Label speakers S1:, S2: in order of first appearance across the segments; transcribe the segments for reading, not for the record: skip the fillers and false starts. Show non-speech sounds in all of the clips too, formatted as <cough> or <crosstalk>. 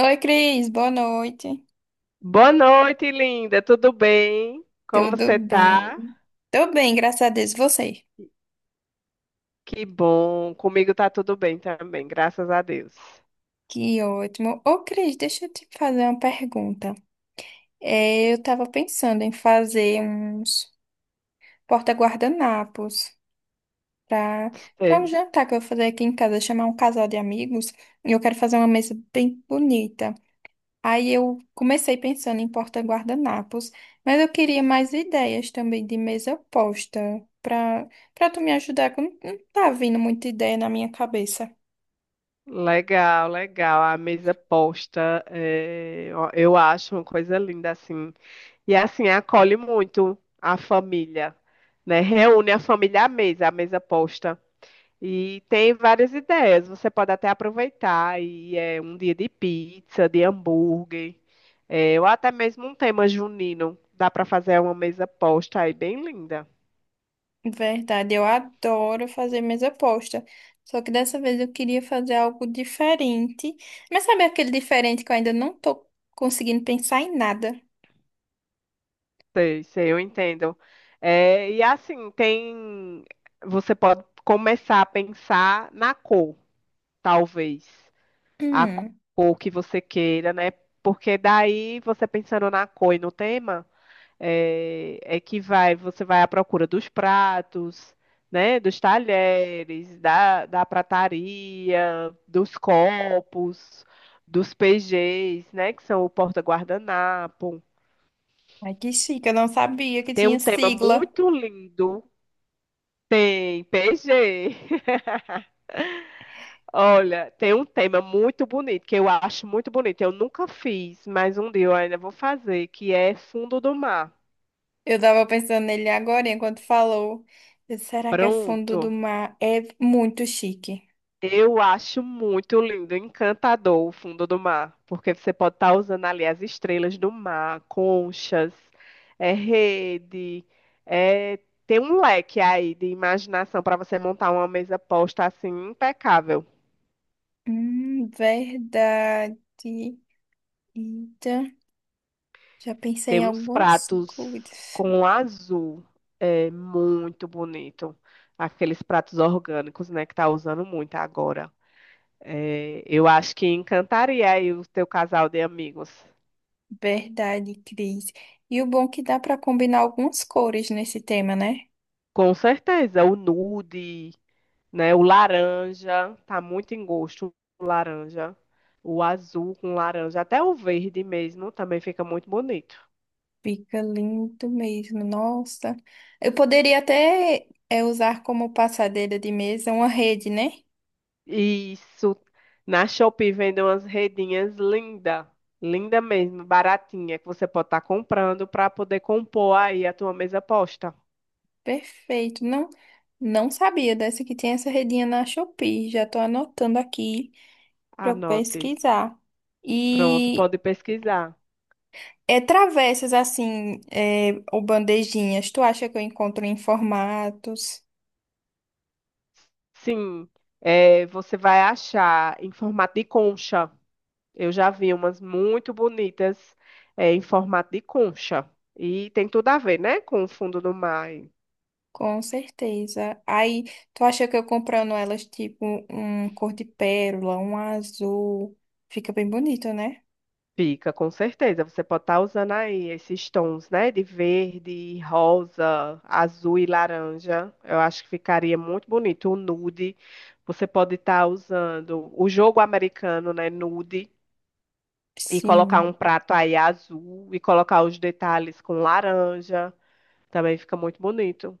S1: Oi, Cris, boa noite.
S2: Boa noite, linda. Tudo bem? Como
S1: Tudo
S2: você tá?
S1: bem? Tô bem, graças a Deus. E você?
S2: Que bom. Comigo tá tudo bem também, graças a Deus.
S1: Que ótimo. Ô, Cris, deixa eu te fazer uma pergunta. É, eu tava pensando em fazer uns porta-guardanapos para para um
S2: Sei.
S1: jantar que eu vou fazer aqui em casa, chamar um casal de amigos, e eu quero fazer uma mesa bem bonita. Aí eu comecei pensando em porta-guardanapos, mas eu queria mais ideias também de mesa posta para para tu me ajudar, que eu não tá vindo muita ideia na minha cabeça.
S2: Legal, legal. A mesa posta, é, ó, eu acho uma coisa linda assim. E assim, acolhe muito a família, né? Reúne a família à mesa, a mesa posta. E tem várias ideias. Você pode até aproveitar e é um dia de pizza, de hambúrguer, ou até mesmo um tema junino. Dá para fazer uma mesa posta aí bem linda.
S1: Verdade, eu adoro fazer mesa posta. Só que dessa vez eu queria fazer algo diferente. Mas sabe aquele diferente que eu ainda não tô conseguindo pensar em nada?
S2: Sei, sei, eu entendo. É, e assim, tem. Você pode começar a pensar na cor, talvez. A
S1: Hum,
S2: cor que você queira, né? Porque daí você pensando na cor e no tema. Você vai à procura dos pratos, né, dos talheres, da prataria, dos copos, dos PGs, né, que são o porta-guardanapo.
S1: Ai que chique, eu não sabia que
S2: Tem
S1: tinha
S2: um tema
S1: sigla.
S2: muito lindo. Tem PG. <laughs> Olha, tem um tema muito bonito, que eu acho muito bonito. Eu nunca fiz, mas um dia eu ainda vou fazer, que é fundo do mar.
S1: Eu tava pensando nele agora, enquanto falou. Será que é fundo do
S2: Pronto.
S1: mar? É muito chique.
S2: Eu acho muito lindo, encantador o fundo do mar, porque você pode estar usando ali as estrelas do mar, conchas, rede, é, tem um leque aí de imaginação para você montar uma mesa posta assim impecável.
S1: Verdade. Eita, já pensei
S2: Tem
S1: em
S2: uns
S1: algumas
S2: pratos
S1: cores.
S2: com azul, é muito bonito, aqueles pratos orgânicos, né, que tá usando muito agora. É, eu acho que encantaria aí o teu casal de amigos.
S1: Verdade, Cris. E o bom é que dá pra combinar algumas cores nesse tema, né?
S2: Com certeza, o nude, né? O laranja, tá muito em gosto o laranja. O azul com laranja, até o verde mesmo também fica muito bonito.
S1: Fica lindo mesmo. Nossa. Eu poderia até usar como passadeira de mesa uma rede, né?
S2: Isso. Na Shopee vendem umas redinhas linda, linda mesmo, baratinha, que você pode estar comprando para poder compor aí a tua mesa posta.
S1: Perfeito. Não, não sabia dessa que tem essa redinha na Shopee. Já tô anotando aqui para eu
S2: Anote.
S1: pesquisar.
S2: Pronto,
S1: E
S2: pode pesquisar.
S1: é travessas assim, ou bandejinhas. Tu acha que eu encontro em formatos?
S2: Sim, você vai achar em formato de concha. Eu já vi umas muito bonitas, em formato de concha. E tem tudo a ver, né? Com o fundo do mar. E
S1: Com certeza. Aí, tu acha que eu comprando elas tipo um cor de pérola, um azul, fica bem bonito, né?
S2: Fica, com certeza. Você pode estar usando aí esses tons, né? De verde, rosa, azul e laranja. Eu acho que ficaria muito bonito. O nude. Você pode estar usando o jogo americano, né? Nude. E colocar um
S1: Sim.
S2: prato aí azul. E colocar os detalhes com laranja. Também fica muito bonito.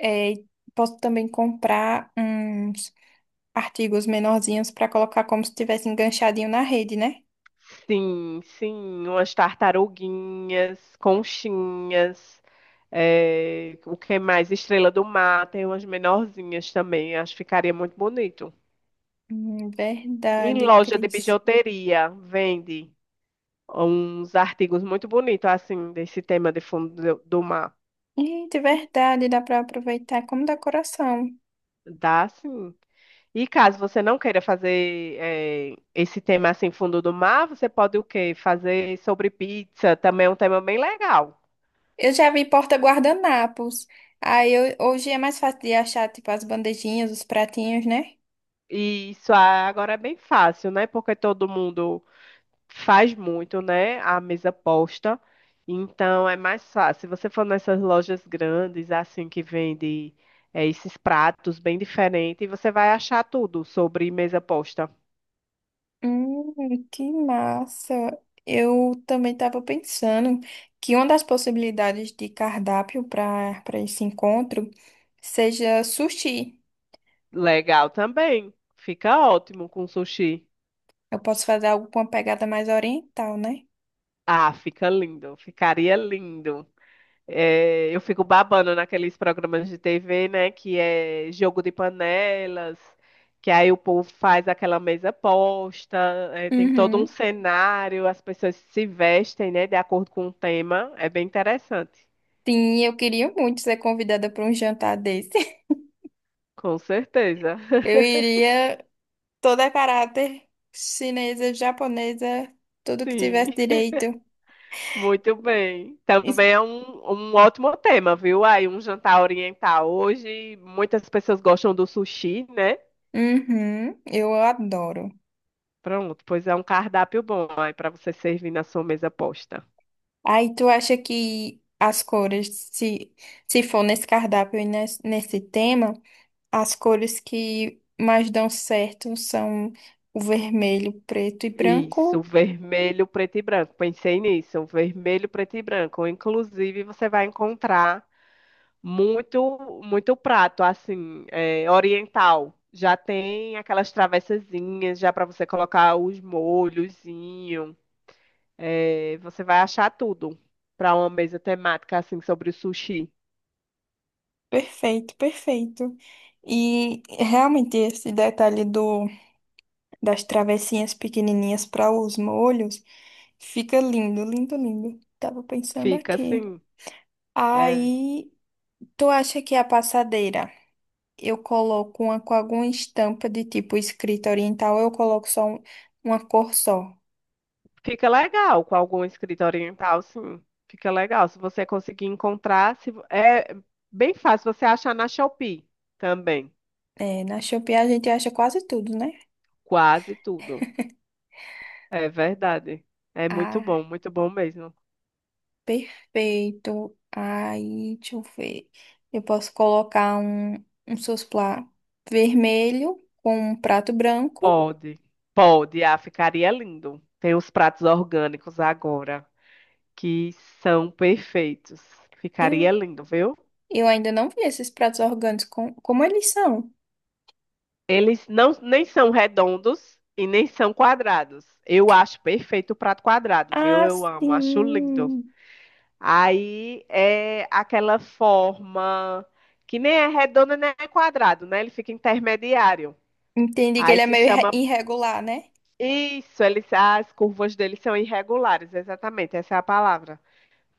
S1: É, posso também comprar artigos menorzinhos para colocar como se tivesse enganchadinho na rede, né?
S2: Sim, sim, umas tartaruguinhas, conchinhas, o que mais? Estrela do Mar, tem umas menorzinhas também, acho que ficaria muito bonito. Em
S1: Verdade,
S2: loja de
S1: Cris.
S2: bijuteria, vende uns artigos muito bonitos, assim, desse tema de fundo do mar.
S1: Eita, é verdade, dá para aproveitar como decoração.
S2: Dá, sim. E caso você não queira fazer esse tema assim, fundo do mar, você pode o quê? Fazer sobre pizza, também é um tema bem legal.
S1: Eu já vi porta-guardanapos. Hoje é mais fácil de achar, tipo, as bandejinhas, os pratinhos, né?
S2: E isso, agora é bem fácil, né? Porque todo mundo faz muito, né? A mesa posta. Então é mais fácil. Se você for nessas lojas grandes, assim, que vende esses pratos bem diferentes, você vai achar tudo sobre mesa posta.
S1: Que massa. Eu também estava pensando que uma das possibilidades de cardápio para esse encontro seja sushi.
S2: Legal também. Fica ótimo com sushi.
S1: Eu posso fazer algo com uma pegada mais oriental, né?
S2: Ah, fica lindo. Ficaria lindo. É, eu fico babando naqueles programas de TV, né? Que é jogo de panelas, que aí o povo faz aquela mesa posta, tem todo um
S1: Uhum.
S2: cenário, as pessoas se vestem, né? De acordo com o tema. É bem interessante,
S1: Sim, eu queria muito ser convidada para um jantar desse. <laughs>
S2: com certeza.
S1: Eu
S2: <laughs>
S1: iria toda a caráter chinesa, japonesa, tudo que
S2: Sim,
S1: tivesse direito.
S2: muito bem.
S1: Isso-
S2: Também é um ótimo tema, viu? Aí um jantar oriental. Hoje muitas pessoas gostam do sushi, né?
S1: Uhum, eu adoro.
S2: Pronto, pois é um cardápio bom aí para você servir na sua mesa posta.
S1: Aí tu acha que as cores, se for nesse cardápio e nesse tema, as cores que mais dão certo são o vermelho, preto e
S2: Isso,
S1: branco?
S2: vermelho, preto e branco. Pensei nisso, vermelho, preto e branco. Inclusive, você vai encontrar muito, muito prato assim, oriental. Já tem aquelas travessazinhas, já para você colocar os molhozinho. É, você vai achar tudo para uma mesa temática assim sobre o sushi.
S1: Perfeito, perfeito. E realmente esse detalhe do das travessinhas pequenininhas para os molhos. Fica lindo, lindo, lindo. Tava pensando
S2: Fica
S1: aqui.
S2: assim. é,
S1: Aí, tu acha que é a passadeira eu coloco uma com alguma estampa de tipo escrita oriental, eu coloco uma cor só.
S2: Fica legal com algum escrito oriental, sim. Fica legal. Se você conseguir encontrar, se... é bem fácil. Você achar na Shopee também.
S1: É, na Shopee a gente acha quase tudo, né?
S2: Quase tudo. É verdade. É
S1: Ah,
S2: muito bom mesmo.
S1: perfeito. Aí, deixa eu ver. Eu posso colocar um susplá vermelho com um prato branco.
S2: Pode, pode. Ah, ficaria lindo. Tem os pratos orgânicos agora, que são perfeitos. Ficaria lindo, viu?
S1: Eu ainda não vi esses pratos orgânicos, como eles são?
S2: Eles não, nem são redondos e nem são quadrados. Eu acho perfeito o prato quadrado, viu?
S1: Ah,
S2: Eu amo, acho lindo.
S1: sim.
S2: Aí é aquela forma que nem é redonda nem é quadrado, né? Ele fica intermediário.
S1: Entendi que
S2: Aí
S1: ele é
S2: se
S1: meio
S2: chama
S1: irregular, né?
S2: isso, eles, as curvas dele são irregulares, exatamente, essa é a palavra.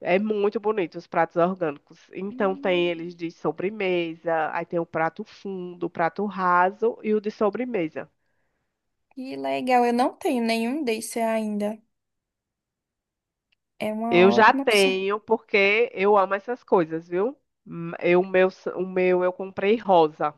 S2: É muito bonito os pratos orgânicos. Então tem
S1: Hum,
S2: eles de sobremesa, aí tem o prato fundo, o prato raso e o de sobremesa.
S1: Que legal, eu não tenho nenhum desse ainda. É uma
S2: Eu já
S1: ótima opção.
S2: tenho porque eu amo essas coisas, viu? Hum, Eu, o meu, o meu eu comprei rosa.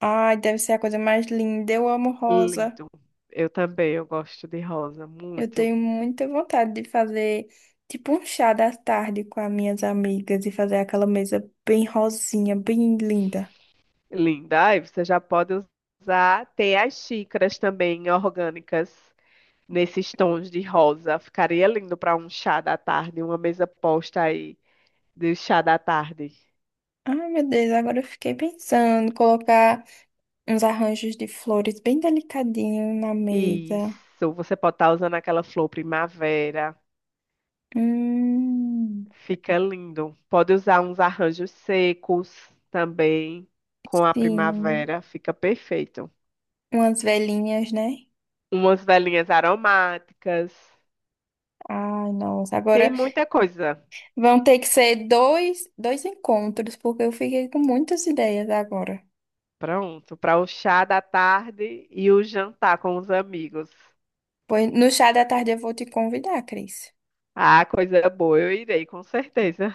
S1: Ai, deve ser a coisa mais linda. Eu amo rosa.
S2: Lindo. Eu também, eu gosto de rosa,
S1: Eu
S2: muito
S1: tenho muita vontade de fazer tipo um chá da tarde com as minhas amigas e fazer aquela mesa bem rosinha, bem linda.
S2: linda. Aí você já pode usar, tem as xícaras também orgânicas nesses tons de rosa. Ficaria lindo para um chá da tarde, uma mesa posta aí de chá da tarde.
S1: Ai, meu Deus, agora eu fiquei pensando, colocar. Uns arranjos de flores bem delicadinho na mesa.
S2: Isso, você pode estar usando aquela flor primavera.
S1: Hum,
S2: Fica lindo. Pode usar uns arranjos secos também com a
S1: sim.
S2: primavera, fica perfeito.
S1: Umas velhinhas, né?
S2: Umas velinhas aromáticas.
S1: Ai, nossa.
S2: Tem
S1: Agora
S2: muita coisa.
S1: vão ter que ser dois encontros, porque eu fiquei com muitas ideias agora.
S2: Pronto, para o chá da tarde e o jantar com os amigos.
S1: Pois no chá da tarde eu vou te convidar, Cris.
S2: Ah, coisa boa, eu irei, com certeza.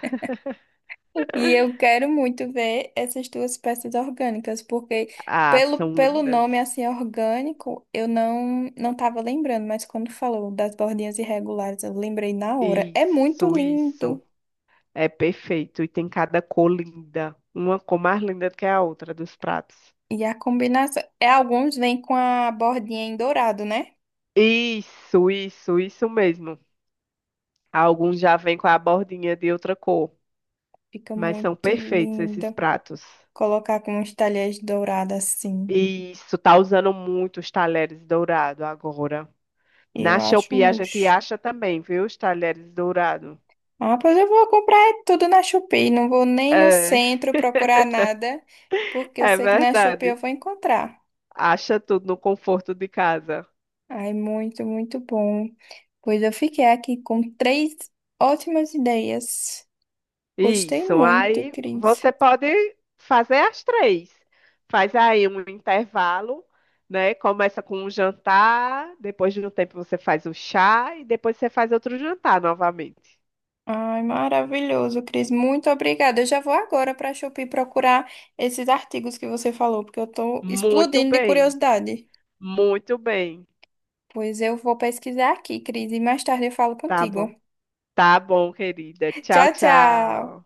S1: E
S2: <laughs>
S1: eu quero muito ver essas duas peças orgânicas, porque
S2: Ah,
S1: pelo,
S2: são
S1: pelo
S2: lindas.
S1: nome assim orgânico, eu não estava lembrando, mas quando falou das bordinhas irregulares, eu lembrei na hora. É muito
S2: Isso, isso.
S1: lindo.
S2: É perfeito. E tem cada cor linda. Uma cor mais linda do que a outra dos pratos.
S1: E a combinação, é alguns vêm com a bordinha em dourado, né?
S2: Isso mesmo. Alguns já vêm com a bordinha de outra cor,
S1: Fica
S2: mas são
S1: muito
S2: perfeitos esses
S1: linda.
S2: pratos.
S1: Colocar com uns talheres dourados assim.
S2: Isso, tá usando muito os talheres dourados agora. Na
S1: Eu acho um
S2: Shopee a gente
S1: luxo.
S2: acha também, viu? Os talheres dourados.
S1: Ah, pois eu vou comprar tudo na Shopee. Não vou nem no
S2: É,
S1: centro procurar nada, porque eu
S2: é,
S1: sei que na Shopee eu
S2: verdade.
S1: vou encontrar.
S2: Acha tudo no conforto de casa.
S1: Ai, muito, muito bom. Pois eu fiquei aqui com três ótimas ideias. Gostei
S2: Isso.
S1: muito,
S2: Aí
S1: Cris.
S2: você pode fazer as três. Faz aí um intervalo, né? Começa com um jantar, depois de um tempo você faz o chá e depois você faz outro jantar novamente.
S1: Ai, maravilhoso, Cris. Muito obrigada. Eu já vou agora para a Shopee procurar esses artigos que você falou, porque eu estou
S2: Muito
S1: explodindo de
S2: bem,
S1: curiosidade.
S2: muito bem.
S1: Pois eu vou pesquisar aqui, Cris, e mais tarde eu falo
S2: Tá
S1: contigo.
S2: bom. Tá bom, querida.
S1: <laughs>
S2: Tchau,
S1: Tchau, tchau.
S2: tchau.